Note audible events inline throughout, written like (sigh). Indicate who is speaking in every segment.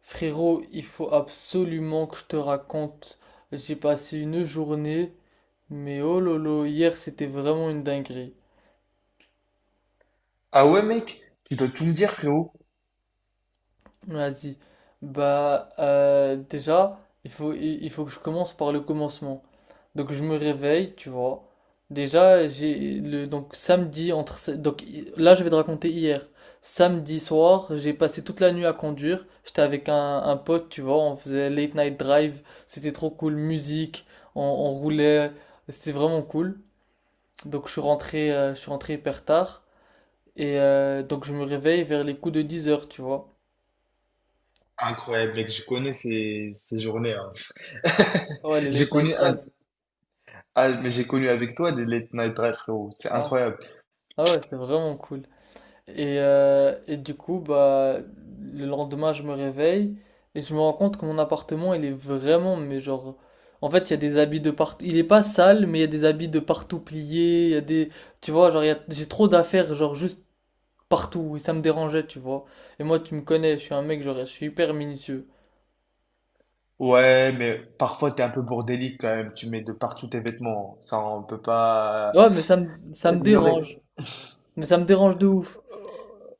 Speaker 1: Frérot, il faut absolument que je te raconte. J'ai passé une journée, mais oh lolo, hier c'était vraiment une dinguerie.
Speaker 2: Ah ouais, mec, tu dois tout me dire, frérot.
Speaker 1: Vas-y. Bah, déjà, il faut que je commence par le commencement. Donc je me réveille, tu vois. Déjà, j'ai le donc samedi entre se- donc hi- là je vais te raconter hier. Samedi soir, j'ai passé toute la nuit à conduire. J'étais avec un pote, tu vois, on faisait late night drive, c'était trop cool, musique, on roulait, c'était vraiment cool. Donc je suis rentré hyper tard et donc je me réveille vers les coups de 10 heures, tu vois.
Speaker 2: Incroyable, mec, je connais ces journées, hein. (laughs)
Speaker 1: Ah, ouais, les
Speaker 2: J'ai
Speaker 1: late night
Speaker 2: connu un...
Speaker 1: drive.
Speaker 2: Ah, mais j'ai connu avec toi des late night drives, frérot. C'est
Speaker 1: Ah,
Speaker 2: incroyable.
Speaker 1: ah, ouais, c'est vraiment cool. Et du coup, bah, le lendemain, je me réveille et je me rends compte que mon appartement, il est vraiment, mais genre, en fait, il y a des habits de partout. Il est pas sale, mais il y a des habits de partout pliés. Il y a des, tu vois, genre, j'ai trop d'affaires, genre, juste partout. Et ça me dérangeait, tu vois. Et moi, tu me connais, je suis un mec, genre, je suis hyper minutieux.
Speaker 2: Ouais, mais parfois, t'es un peu bordélique quand même. Tu mets de partout tes vêtements. Ça, on peut pas
Speaker 1: Ouais, mais ça me, ça me
Speaker 2: l'ignorer.
Speaker 1: dérange. Mais ça me dérange de ouf.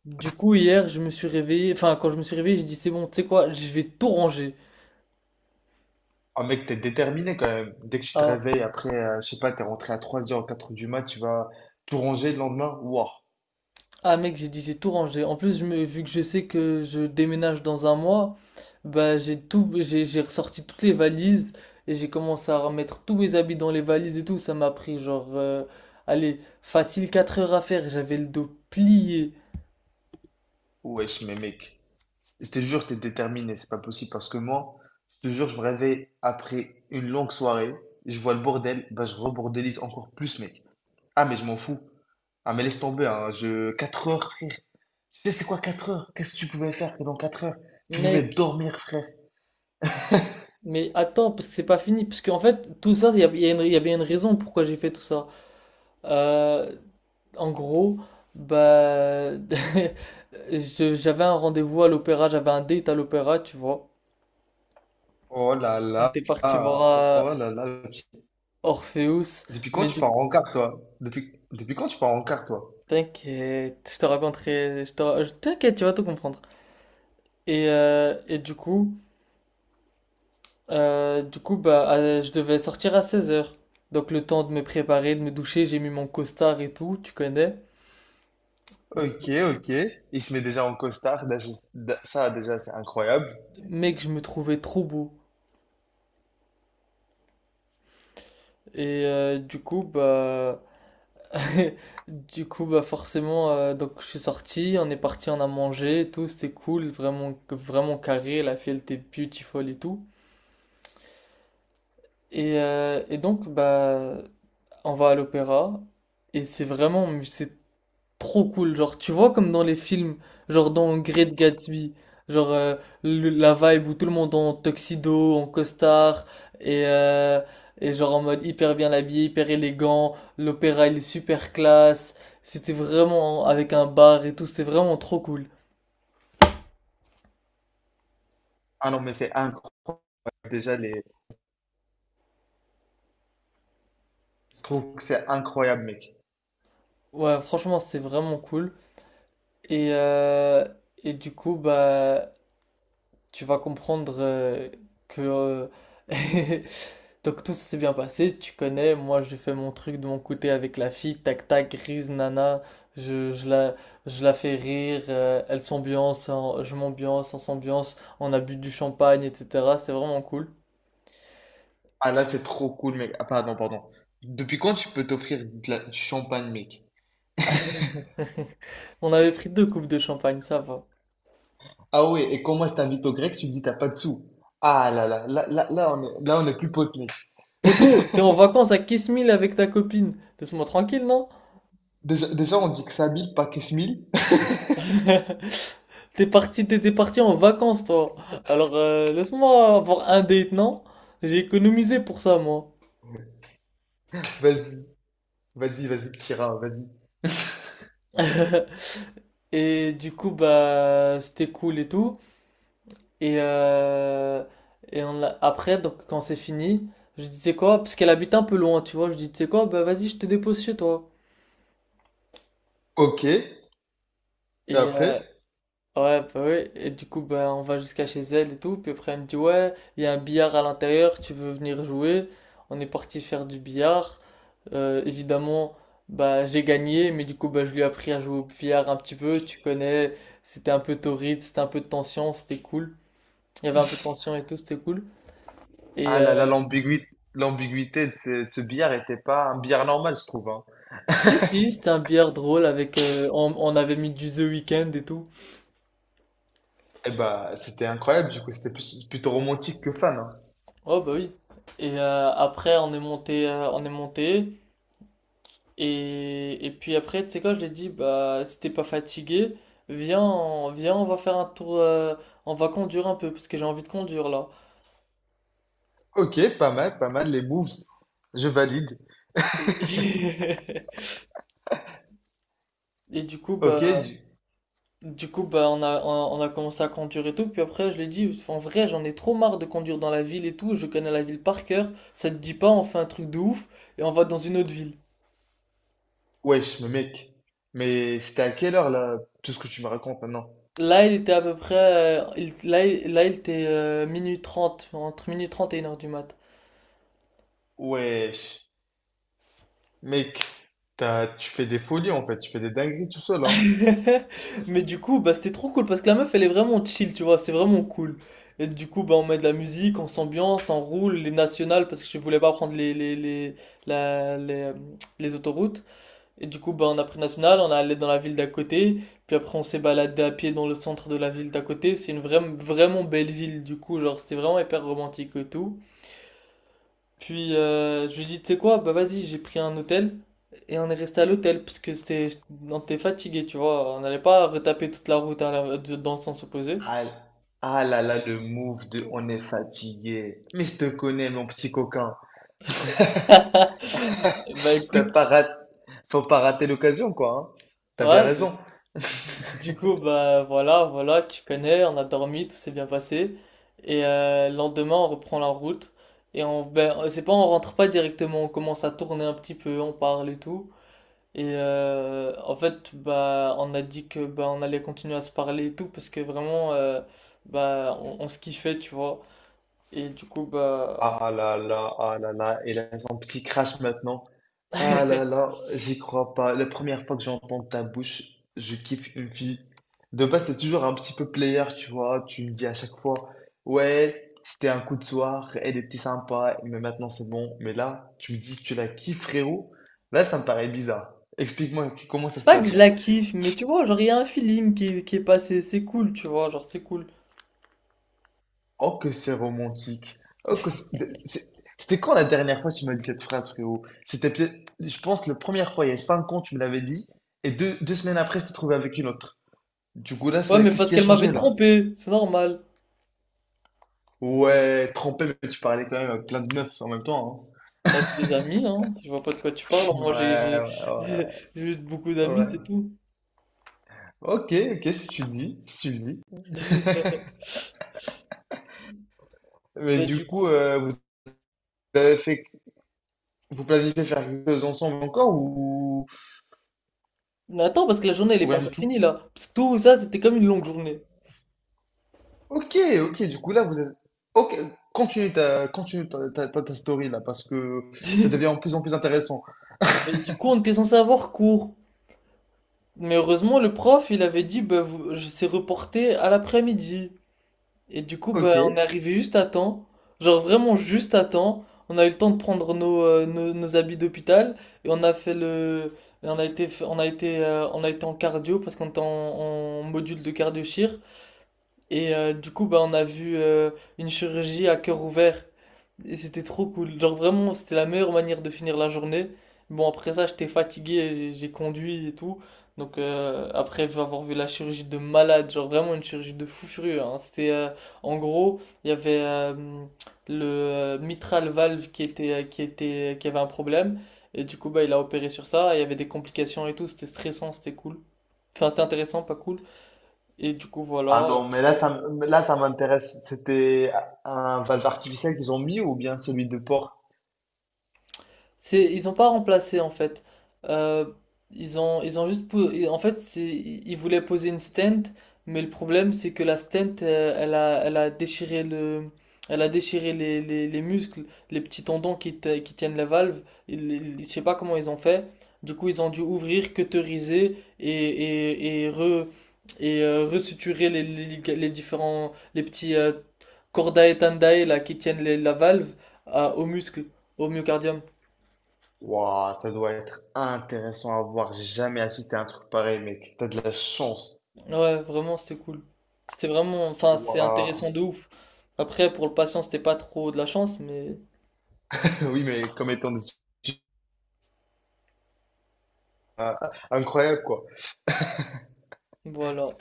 Speaker 1: Du coup, hier, je me suis réveillé. Enfin, quand je me suis réveillé, j'ai dit, c'est bon, tu sais quoi, je vais tout ranger.
Speaker 2: Ah, mec, t'es déterminé quand même. Dès que tu te
Speaker 1: ah
Speaker 2: réveilles, après, je sais pas, t'es rentré à 3 h 4 h du mat, tu vas tout ranger le lendemain. Waouh,
Speaker 1: Ah mec, j'ai dit j'ai tout rangé. En plus, vu que je sais que je déménage dans un mois, bah j'ai ressorti toutes les valises et j'ai commencé à remettre tous mes habits dans les valises et tout. Ça m'a pris genre, allez, facile 4 heures à faire. J'avais le dos plié.
Speaker 2: wesh, mais mec. Je te jure, t'es déterminé, c'est pas possible parce que moi, je te jure, je me réveille après une longue soirée, je vois le bordel, bah je rebordélise encore plus, mec. Ah, mais je m'en fous. Ah, mais laisse tomber, hein, je... 4 heures, frère. Tu sais, c'est quoi 4 heures? Qu'est-ce que tu pouvais faire pendant 4 heures? Tu pouvais
Speaker 1: Mec,
Speaker 2: dormir, frère.
Speaker 1: mais attends, parce que c'est pas fini. Parce qu'en fait, tout ça, il y a une- il y a bien une raison pourquoi j'ai fait tout ça. Euh, en gros, bah, (laughs) j'avais un rendez-vous à l'opéra, j'avais un date à l'opéra, tu vois.
Speaker 2: Oh là
Speaker 1: On
Speaker 2: là,
Speaker 1: était parti voir euh,
Speaker 2: oh là là.
Speaker 1: Orpheus,
Speaker 2: Depuis quand
Speaker 1: mais
Speaker 2: tu
Speaker 1: du
Speaker 2: pars
Speaker 1: coup,
Speaker 2: en quart, toi? Depuis quand tu pars en quart, toi?
Speaker 1: t'inquiète, je te raconterai, je te ra- je- t'inquiète, tu vas tout comprendre. Et du coup bah, je devais sortir à 16 heures. Donc le temps de me préparer, de me doucher, j'ai mis mon costard et tout, tu connais.
Speaker 2: Ok, ok. Il se met déjà en costard, déjà- ça, déjà, c'est incroyable.
Speaker 1: Mec, je me trouvais trop beau. Et du coup, bah, (laughs) forcément, donc je suis sorti, on est parti, on a mangé et tout, c'était cool, vraiment, vraiment carré, la fille elle était beautiful et tout. Et donc, bah, on va à l'opéra, et mais c'est trop cool. Genre, tu vois, comme dans les films, genre dans Great Gatsby, genre la vibe où tout le monde est en tuxedo, en costard, et, euh, et genre en mode hyper bien habillé, hyper élégant. L'opéra, il est super classe. C'était vraiment avec un bar et tout, c'était vraiment trop cool.
Speaker 2: Ah non, mais c'est incroyable. Déjà, les, je trouve que c'est incroyable, mec.
Speaker 1: Ouais, franchement, c'est vraiment cool. Et, euh, et du coup, bah, tu vas comprendre que (laughs) donc tout s'est bien passé, tu connais, moi j'ai fait mon truc de mon côté avec la fille, tac tac, grise nana, je, je la, je la fais rire, elle s'ambiance, je m'ambiance, on s'ambiance, on a bu du champagne, etc. C'était vraiment cool.
Speaker 2: Ah là, c'est trop cool, mec. Ah, pardon, pardon. Depuis quand tu peux t'offrir de la- du champagne, mec?
Speaker 1: (laughs) On avait pris deux coupes de champagne, ça va.
Speaker 2: Ah ouais, et quand moi je t'invite au grec, tu me dis t'as pas de sous. Ah là là, là, là, là, on est plus potes, mec.
Speaker 1: Poto, t'es en vacances à Kiss Me avec ta copine. Laisse-moi tranquille, non?
Speaker 2: Déjà, déjà, on dit que ça mille, pas que ce mille. (laughs)
Speaker 1: (laughs) T'étais parti en vacances, toi. Alors, laisse-moi avoir un date, non? J'ai économisé pour ça, moi.
Speaker 2: Vas-y, vas-y, vas-y, petit vas-y.
Speaker 1: (laughs) Et du coup, bah, c'était cool et tout. Et, euh, et après, donc, quand c'est fini, je dis, c'est quoi? Parce qu'elle habite un peu loin, tu vois. Je dis, c'est quoi? Bah, vas-y, je te dépose chez toi.
Speaker 2: Ok, et
Speaker 1: Et,
Speaker 2: après?
Speaker 1: euh, Ouais, bah oui. Et du coup, bah, on va jusqu'à chez elle et tout. Puis après, elle me dit, ouais, il y a un billard à l'intérieur, tu veux venir jouer? On est parti faire du billard. Évidemment, bah, j'ai gagné, mais du coup, bah, je lui ai appris à jouer au billard un petit peu. Tu connais, c'était un peu torride, c'était un peu de tension, c'était cool. Il y avait un peu de tension et tout, c'était cool. Et
Speaker 2: Ah là là, l'ambiguïté, l'ambiguïté de ce billard était pas un billard normal, je trouve, hein.
Speaker 1: si, si,
Speaker 2: (laughs)
Speaker 1: c'était un billard drôle avec. On avait mis du The Weeknd et tout.
Speaker 2: Eh bah, c'était incroyable, du coup, c'était plus- plutôt romantique que fan, hein.
Speaker 1: Oh, bah oui. Et après, on est monté. Et puis après, tu sais quoi, je lui ai dit, bah, si t'es pas fatigué, viens, on va faire un tour, on va conduire un peu, parce que j'ai envie de conduire là.
Speaker 2: Ok, pas mal, pas mal, les moves. Je valide. (laughs)
Speaker 1: Et, (laughs) et du coup,
Speaker 2: Ok,
Speaker 1: bah,
Speaker 2: du-
Speaker 1: on a commencé à conduire et tout. Puis après, je lui ai dit, en vrai, j'en ai trop marre de conduire dans la ville et tout, je connais la ville par cœur, ça te dit pas, on fait un truc de ouf, et on va dans une autre ville.
Speaker 2: wesh, mais mec. Mais c'était à quelle heure là, tout ce que tu me racontes maintenant?
Speaker 1: Là, il était à peu près, il- là, il- là, il était minuit 30, entre minuit 30 et une heure du mat.
Speaker 2: Wesh, mec, t'as, tu fais des folies en fait, tu fais des dingueries tout seul, hein.
Speaker 1: (laughs) Mais du coup, bah, c'était trop cool parce que la meuf, elle est vraiment chill, tu vois, c'est vraiment cool. Et du coup, bah, on met de la musique, on s'ambiance, on roule les nationales parce que je voulais pas prendre la- les, euh, les autoroutes. Et du coup, bah, on a pris national, on est allé dans la ville d'à côté. Puis après, on s'est baladé à pied dans le centre de la ville d'à côté. C'est une vraiment belle ville, du coup, genre, c'était vraiment hyper romantique et tout. Puis je lui dis, tu sais quoi, bah vas-y, j'ai pris un hôtel et on est resté à l'hôtel parce que c'était, on était fatigué, tu vois, on n'allait pas retaper toute la route dans le sens opposé.
Speaker 2: Ah, ah là là, le move de on est fatigué. Mais je te connais, mon petit coquin. (laughs)
Speaker 1: (laughs) Bah
Speaker 2: T'as
Speaker 1: écoute,
Speaker 2: pas rat- Faut pas rater l'occasion, quoi, hein. T'as
Speaker 1: ouais,
Speaker 2: bien
Speaker 1: bah,
Speaker 2: raison. (laughs)
Speaker 1: du coup, bah voilà, voilà, tu connais, on a dormi, tout s'est bien passé. Et le lendemain, on reprend la route. Ben, c'est pas, on rentre pas directement, on commence à tourner un petit peu, on parle et tout. Et en fait, bah, on a dit que bah, on allait continuer à se parler et tout parce que vraiment, bah, on se kiffait, tu vois. Et du coup, bah,
Speaker 2: Ah là là. Ah, il a son petit crash maintenant. Ah là là, j'y crois pas. La première fois que j'entends ta bouche, je kiffe une fille. De base, t'es toujours un petit peu player, tu vois. Tu me dis à chaque fois, ouais, c'était un coup de soir, elle était sympa, mais maintenant c'est bon. Mais là, tu me dis que tu la kiffes, frérot. Là, ça me paraît bizarre. Explique-moi comment ça
Speaker 1: c'est
Speaker 2: se
Speaker 1: pas que
Speaker 2: passe
Speaker 1: je
Speaker 2: là.
Speaker 1: la kiffe, mais tu vois, genre, il y a un feeling qui est passé, c'est cool, tu vois, genre, c'est cool.
Speaker 2: Oh, que c'est romantique. Oh, que c'est- de- c'est- c'était quand la dernière fois que tu m'as dit cette phrase, frérot? C'était peut-être, je pense, la première fois, il y a 5 ans, tu me l'avais dit, et deux semaines après, je t'ai trouvé avec une autre. Du coup, là,
Speaker 1: Ouais,
Speaker 2: c'est-
Speaker 1: mais
Speaker 2: qu'est-ce
Speaker 1: parce
Speaker 2: qui a
Speaker 1: qu'elle
Speaker 2: changé,
Speaker 1: m'avait
Speaker 2: là?
Speaker 1: trompé, c'est normal.
Speaker 2: Ouais, trempé, mais tu parlais quand même à plein de meufs en même temps,
Speaker 1: Bah, c'est des amis, hein, je vois pas de quoi tu parles,
Speaker 2: hein. Ouais,
Speaker 1: moi j'ai (laughs) j'ai
Speaker 2: ouais,
Speaker 1: juste beaucoup
Speaker 2: ouais,
Speaker 1: d'amis, c'est
Speaker 2: ouais.
Speaker 1: tout.
Speaker 2: Ok, ok, si tu le dis, si tu le dis.
Speaker 1: (laughs)
Speaker 2: Mais
Speaker 1: Bah,
Speaker 2: du
Speaker 1: du
Speaker 2: coup,
Speaker 1: coup.
Speaker 2: vous avez fait, vous planifiez faire quelque chose ensemble encore
Speaker 1: Mais attends, parce que la journée, elle est
Speaker 2: ou
Speaker 1: pas
Speaker 2: rien du
Speaker 1: encore
Speaker 2: tout?
Speaker 1: finie là. Parce que tout ça, c'était comme une longue journée.
Speaker 2: Ok, ok, du coup là vous êtes... Ok, continue ta, ta, ta- ta story là, parce que ça devient
Speaker 1: (laughs)
Speaker 2: de plus en plus intéressant.
Speaker 1: Mais du coup, on était censé avoir cours. Mais heureusement, le prof, il avait dit, bah, je sais reporté à l'après-midi. Et du coup,
Speaker 2: Ok,
Speaker 1: bah, on est arrivé juste à temps. Genre vraiment juste à temps. On a eu le temps de prendre nos habits d'hôpital. Et on a fait le... et on a été, f- on a été en cardio parce qu'on était en, en module de cardio-chir. Et du coup, bah, on a vu une chirurgie à cœur ouvert. Et c'était trop cool. Genre vraiment, c'était la meilleure manière de finir la journée. Bon, après ça, j'étais fatigué, j'ai conduit et tout. Donc après avoir vu la chirurgie de malade, genre vraiment une chirurgie de fou furieux, hein. C'était en gros, il y avait le mitral valve qui était qui avait un problème et du coup bah il a opéré sur ça. Il y avait des complications et tout. C'était stressant, c'était cool. Enfin c'était intéressant, pas cool. Et du coup voilà.
Speaker 2: pardon, mais là, ça, m- mais là, ça m'intéresse. C'était un valve artificiel qu'ils ont mis ou bien celui de porc?
Speaker 1: Ils ont pas remplacé en fait. Euh, ils ont juste, en fait, ils voulaient poser une stent, mais le problème c'est que la stent, elle a, elle a déchiré les muscles, les petits tendons qui tiennent la valve. Je sais pas comment ils ont fait. Du coup, ils ont dû ouvrir, cauteriser et resuturer les, liga- les différents, les petits cordae tendae là qui tiennent la valve aux muscles, au myocardium.
Speaker 2: Waouh, ça doit être intéressant à voir. J'ai jamais assisté à un truc pareil, mec. T'as de la chance.
Speaker 1: Ouais, vraiment, c'était cool. Enfin, c'est
Speaker 2: Waouh.
Speaker 1: intéressant de ouf. Après, pour le patient, c'était pas trop de la chance, mais
Speaker 2: (laughs) Oui, mais comme étant des... euh, incroyable, quoi.
Speaker 1: voilà.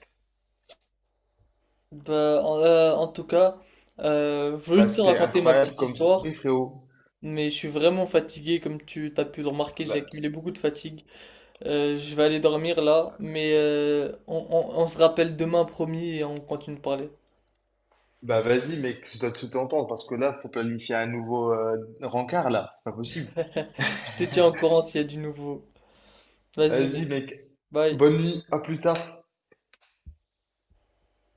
Speaker 1: Bah, en tout cas, je veux
Speaker 2: Bah,
Speaker 1: juste te
Speaker 2: c'était
Speaker 1: raconter ma
Speaker 2: incroyable
Speaker 1: petite
Speaker 2: comme
Speaker 1: histoire,
Speaker 2: story, frérot.
Speaker 1: mais je suis vraiment fatigué, comme tu t'as pu le
Speaker 2: Ah,
Speaker 1: remarquer, j'ai
Speaker 2: bah,
Speaker 1: accumulé beaucoup de fatigue. Je vais aller dormir là, mais on se rappelle demain, promis, et on continue de parler.
Speaker 2: bah vas-y mec, je dois tout entendre parce que là, faut planifier un nouveau rencard là, c'est pas possible.
Speaker 1: (laughs) Je te tiens au courant s'il y a du nouveau. Vas-y,
Speaker 2: Vas-y
Speaker 1: mec.
Speaker 2: mec,
Speaker 1: Bye.
Speaker 2: bonne nuit, à plus tard.